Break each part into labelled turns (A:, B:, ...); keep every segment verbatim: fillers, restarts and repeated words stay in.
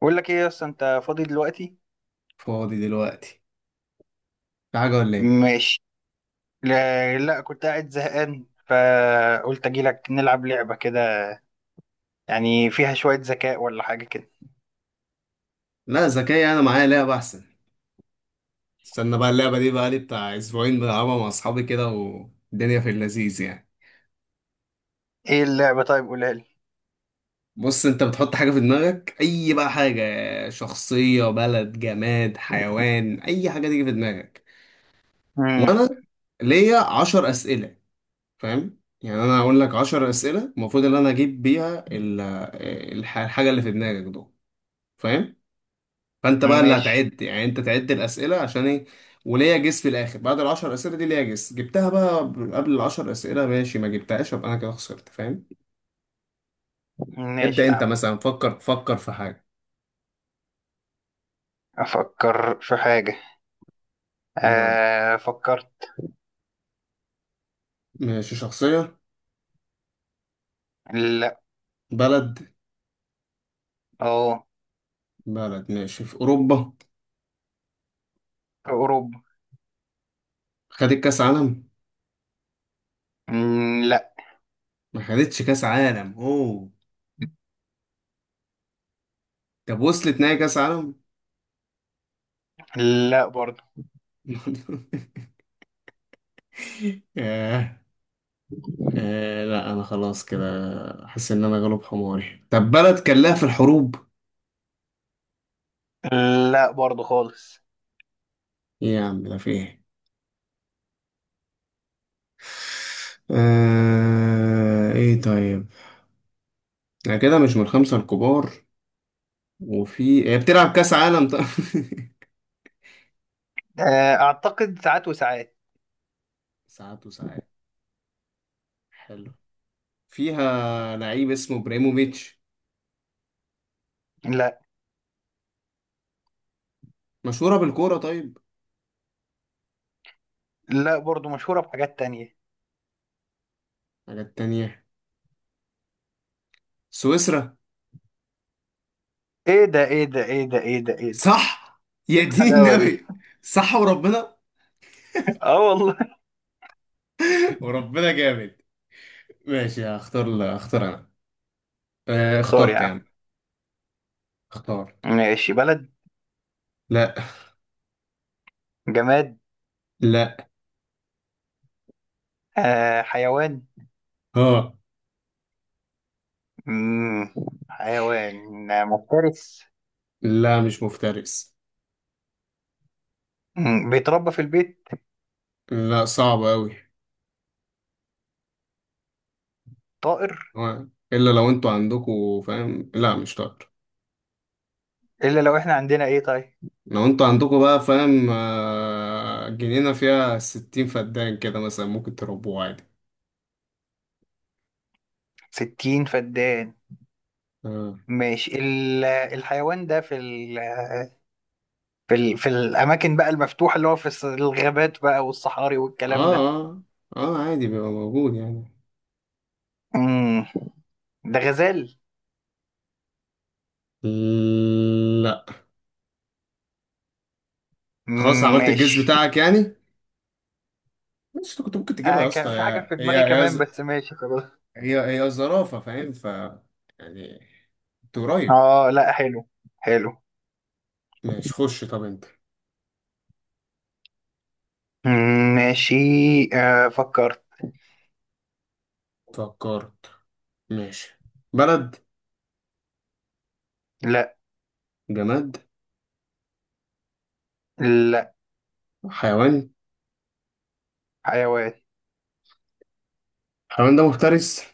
A: بقول لك ايه اصلا انت فاضي دلوقتي؟
B: فاضي دلوقتي، في حاجة ولا ايه؟
A: ماشي. لا, لا كنت قاعد زهقان فقلت اجي لك نلعب لعبة كده. يعني فيها شوية ذكاء ولا حاجة كده.
B: لا، ذكية. أنا معايا لعبة أحسن. استنى بقى، اللعبة دي بقى لي بتاع أسبوعين بلعبها مع أصحابي كده والدنيا في اللذيذ يعني.
A: ايه اللعبة؟ طيب قولها لي.
B: بص أنت بتحط حاجة في دماغك، أي بقى حاجة، شخصية بلد جماد حيوان، أي حاجة تيجي في دماغك.
A: امم
B: وأنا ليا عشر أسئلة، فاهم؟ يعني أنا هقول لك عشر أسئلة المفروض إن أنا أجيب بيها ال- الح- الحاجة اللي في دماغك دول، فاهم؟ فانت بقى اللي
A: ماشي،
B: هتعد، يعني انت تعد الاسئله عشان ايه. وليا جس في الاخر، بعد العشر اسئله دي ليا جس، جبتها بقى قبل العشر اسئله ماشي، ما جبتهاش يبقى انا كده خسرت، فاهم؟
A: ماشي
B: ابدا
A: يا
B: انت
A: عم.
B: مثلا فكر فكر في حاجه.
A: افكر في حاجة.
B: يلا.
A: آه، فكرت.
B: ماشي، شخصيه؟
A: لا.
B: بلد؟
A: اه،
B: بلد ماشي، في اوروبا؟
A: في اوروبا.
B: خدت كاس عالم؟
A: مم، لا.
B: ما خدتش كاس عالم، اوه. طب وصلت نهائي كاس عالم؟
A: لا برضه.
B: آه. آه. لا انا خلاص كده حاسس ان انا غلب حماري. طب بلد كان لها في الحروب؟
A: لا برضه خالص.
B: إيه يا عم، ده في ايه؟ آه... ايه طيب، انا كده مش من الخمسة الكبار. وفي، هي بتلعب كأس عالم طيب؟
A: آه، اعتقد ساعات وساعات.
B: ساعات وساعات؟ حلو. فيها لعيب اسمه ابراهيموفيتش؟
A: لا.
B: مشهورة بالكورة طيب؟
A: لا برضه، مشهورة بحاجات تانية.
B: حاجات تانية؟ سويسرا؟
A: ايه ده ايه ده ايه ده ايه ده ايه ده!
B: صح؟
A: ايه
B: يا دين
A: الحلاوة دي؟
B: النبي! صح وربنا.
A: اه والله.
B: وربنا جامد. ماشي هختار، اختار انا. آه
A: طار يا
B: اخترت يا
A: عم.
B: عم، اخترت.
A: ماشي. بلد؟
B: لا.
A: جماد؟
B: لا.
A: آه، حيوان.
B: اه.
A: مم. حيوان، آه، مفترس؟
B: لا مش مفترس.
A: مم. بيتربى في البيت؟
B: لا صعب قوي.
A: طائر؟
B: آه. الا لو انتوا عندكوا فاهم، لا مش طائر.
A: الا لو احنا عندنا ايه طيب؟
B: لو انتوا عندكوا بقى فاهم آه، جنينة فيها ستين فدان كده مثلا ممكن تربوه عادي.
A: ستين فدان؟
B: اه
A: ماشي، ال- الحيوان ده في ال في ال في الاماكن بقى المفتوحه، اللي هو في الص- الغابات بقى والصحاري والكلام
B: اه.
A: ده.
B: اه آه، عادي بيبقى موجود يعني.
A: مم. ده غزال؟
B: لا. خلاص
A: مم،
B: عملت الجيز
A: ماشي.
B: بتاعك يعني؟ مش انت كنت ممكن تجيبها
A: آه،
B: يا اسطى،
A: كان في حاجه
B: هي
A: في دماغي
B: هي هي
A: كمان
B: ز-
A: بس ماشي خلاص.
B: هي هي زرافة، فاهم؟ ف، يعني انت قريب.
A: اه، لا، حلو. حلو.
B: ماشي خش، طب انت.
A: مم، ماشي. آه، فكرت.
B: فكرت؟ ماشي. بلد؟
A: لا.
B: جماد؟
A: لا.
B: حيوان.
A: حيوان.
B: الحيوان ده مفترس؟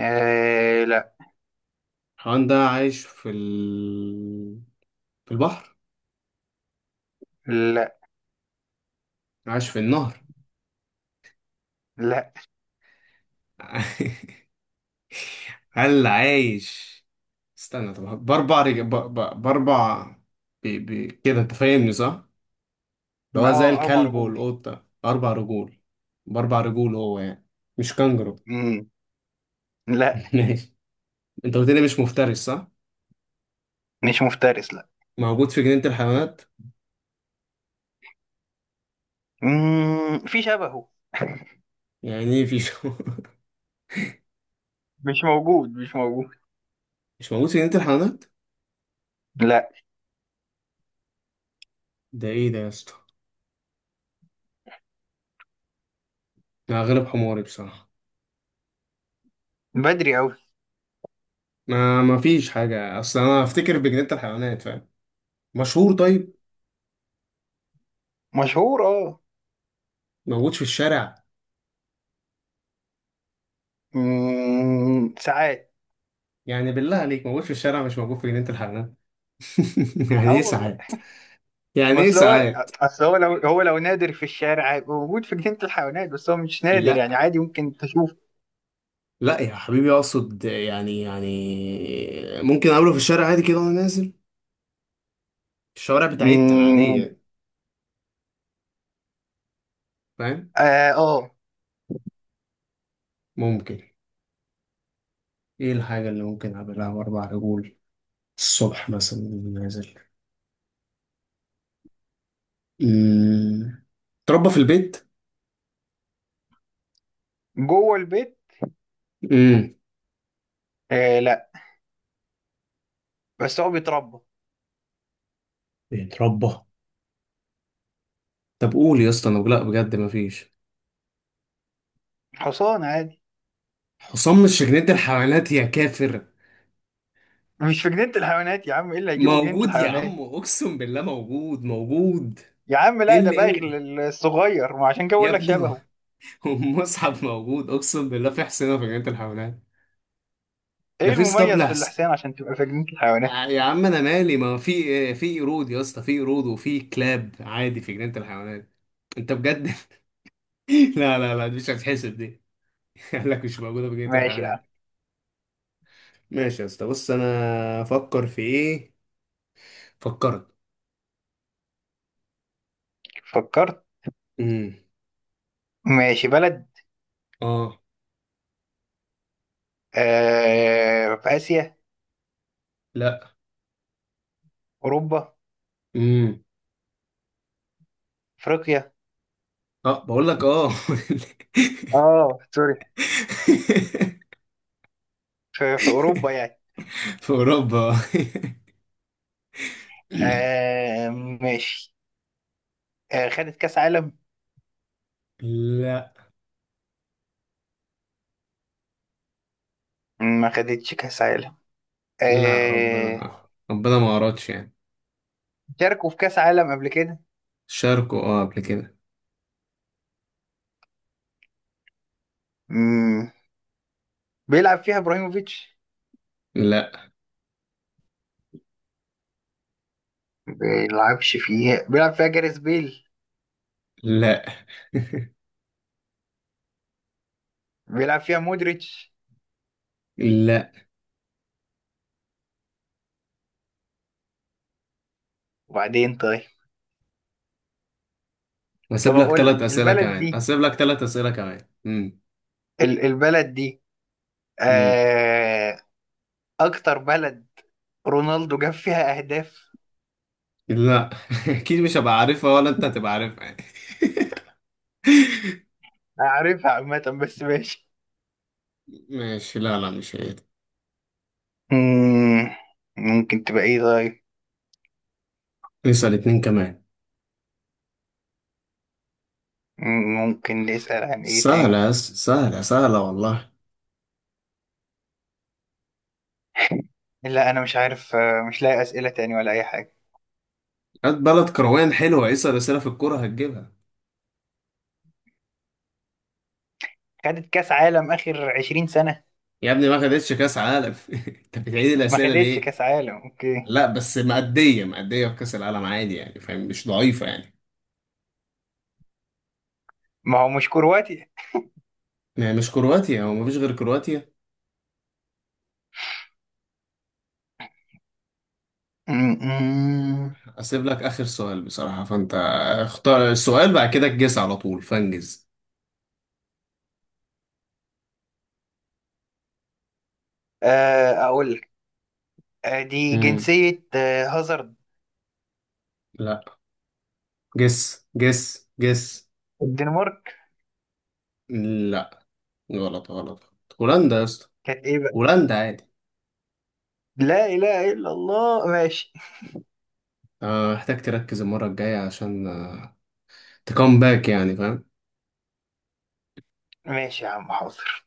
A: آه، لا.
B: حيوان ده عايش في ال... في البحر؟
A: لا.
B: عايش في النهر؟
A: لا.
B: هل عايش، استنى طب، بأربع رج... ب... ب... بأربع، ب... ب... كده أنت فاهمني صح؟ اللي هو زي
A: اه، اربع
B: الكلب
A: رجول
B: والقطة أربع رجول. بأربع رجول هو يعني. مش كانجرو؟
A: مم، لا،
B: ماشي. أنت قلت لي مش مفترس صح؟
A: مش مفترس. لا.
B: موجود في جنينة الحيوانات؟
A: مم، في شبهه.
B: يعني إيه في شو...
A: مش موجود، مش موجود.
B: مش موجود في جنينة الحيوانات؟
A: لا.
B: ده إيه ده يا اسطى؟ أنا غلب حماري بصراحة.
A: بدري قوي.
B: ما ما فيش حاجة، أصل أنا أفتكر بجنينة الحيوانات، فاهم؟ مشهور طيب؟
A: مشهور، اه.
B: موجود في الشارع؟
A: مم، ساعات.
B: يعني بالله عليك موجود في الشارع مش موجود في جنينة الحيوانات. يعني
A: اه
B: ايه
A: والله.
B: ساعات؟ يعني
A: ما
B: ايه
A: اصل هو،
B: ساعات؟
A: اصل هو لو هو لو نادر في الشارع هيبقى موجود في جنينة الحيوانات، بس هو مش نادر، يعني
B: لا
A: عادي ممكن تشوف.
B: لا يا حبيبي، اقصد يعني يعني ممكن اقابله في الشارع عادي كده وانا نازل الشوارع بتاعتنا
A: مم،
B: العادية يعني، فاهم؟
A: اه آه،
B: ممكن، ايه الحاجة اللي ممكن اقابلها باربع رجول الصبح مثلا وأنا نازل؟ امم تربى في البيت؟
A: جوه البيت؟
B: امم
A: آه، لا، بس هو بيتربى.
B: بيتربى. طب قول يا اسطى انا، لا بجد مفيش.
A: حصان عادي.
B: حصان مش في جنينة الحيوانات يا كافر؟
A: مش في جنينة الحيوانات يا عم، ايه اللي هيجيبه جنينة
B: موجود يا عم،
A: الحيوانات؟
B: اقسم بالله موجود موجود.
A: يا عم
B: ايه
A: لا، ده
B: اللي ايه
A: باغي
B: اللي،
A: الصغير، ما عشان كده
B: يا
A: بقول لك
B: ابني هو،
A: شبهه.
B: هو المصحف موجود اقسم بالله في حصينه في جنينه الحيوانات. ده
A: ايه
B: في اسطبل
A: المميز في
B: احسن؟
A: الحصان عشان تبقى في جنينة
B: آه،
A: الحيوانات؟
B: يا عم انا مالي، ما في إيه؟ في قرود يا اسطى، في قرود وفي كلاب عادي في جنينه الحيوانات. انت بجد؟ لا لا لا، دي مش هتحسب دي. قال لك مش موجوده في جنينه
A: ماشي يا عم.
B: الحيوانات. ماشي يا اسطى. بص انا افكر في ايه. فكرت؟
A: فكرت.
B: امم
A: ماشي. بلد؟
B: اه.
A: آه، في آسيا؟
B: لا.
A: أوروبا؟
B: امم
A: أفريقيا؟
B: اه بقول لك اه.
A: اه، سوري. في, في أوروبا يعني.
B: في اوروبا.
A: آه، ماشي. آه، خدت كأس عالم؟
B: لا.
A: ما خدتش كأس عالم.
B: لا
A: آه.
B: ربنا ربنا ما اردش يعني.
A: شاركوا في كأس عالم قبل كده؟
B: شاركوا اه قبل كده.
A: مم. بيلعب فيها ابراهيموفيتش؟
B: لا.
A: بيلعبش فيها بيلعب فيها جاريث بيل؟
B: لا.
A: بيلعب فيها مودريتش؟
B: لا
A: وبعدين طيب. طب
B: هسيب لك
A: اقول
B: ثلاث
A: لك
B: اسئله
A: البلد
B: كمان،
A: دي،
B: هسيب لك ثلاث اسئله كمان. امم
A: ال- البلد دي.
B: امم
A: آه، اكتر بلد رونالدو جاب فيها اهداف.
B: لا. اكيد مش هبقى عارفها ولا انت هتبقى عارفها يعني.
A: عارفها عامة بس ماشي.
B: ماشي. لا لا مش هي دي.
A: مم، ممكن تبقى ايه طيب؟
B: اسال اتنين كمان.
A: مم، ممكن نسأل عن ايه
B: سهله
A: تاني؟
B: يا أس- سهله سهله والله.
A: لا انا مش عارف، آه، مش لاقي اسئلة تاني ولا اي حاجة.
B: هات بلد كروان حلوه، اسال اسئله في الكوره هتجيبها.
A: خدت كاس عالم اخر عشرين سنة؟
B: يا ابني ما خدتش كاس عالم. انت بتعيد
A: ما
B: الاسئله
A: خدتش
B: ليه؟
A: كاس عالم، اوكي.
B: لا بس مأدية مأدية في كاس العالم عادي يعني فاهم، مش ضعيفه يعني.
A: ما هو مش كرواتي.
B: ما هي مش كرواتيا، هو مفيش غير كرواتيا. اسيب لك اخر سؤال بصراحه، فانت اختار السؤال بعد كده تجس على طول فانجز.
A: آه، اقول لك. آه، دي
B: امم،
A: جنسية آه، هازارد.
B: لا. جس جس جس.
A: الدنمارك.
B: لا، غلط غلط. هولندا يا اسطى.
A: كانت ايه بقى؟
B: هولندا عادي.
A: لا اله الا الله، ماشي.
B: آه، محتاج تركز المره الجايه عشان آه، تكم باك يعني، فاهم؟
A: ماشي يا عم، حاضر.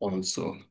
B: خلاص.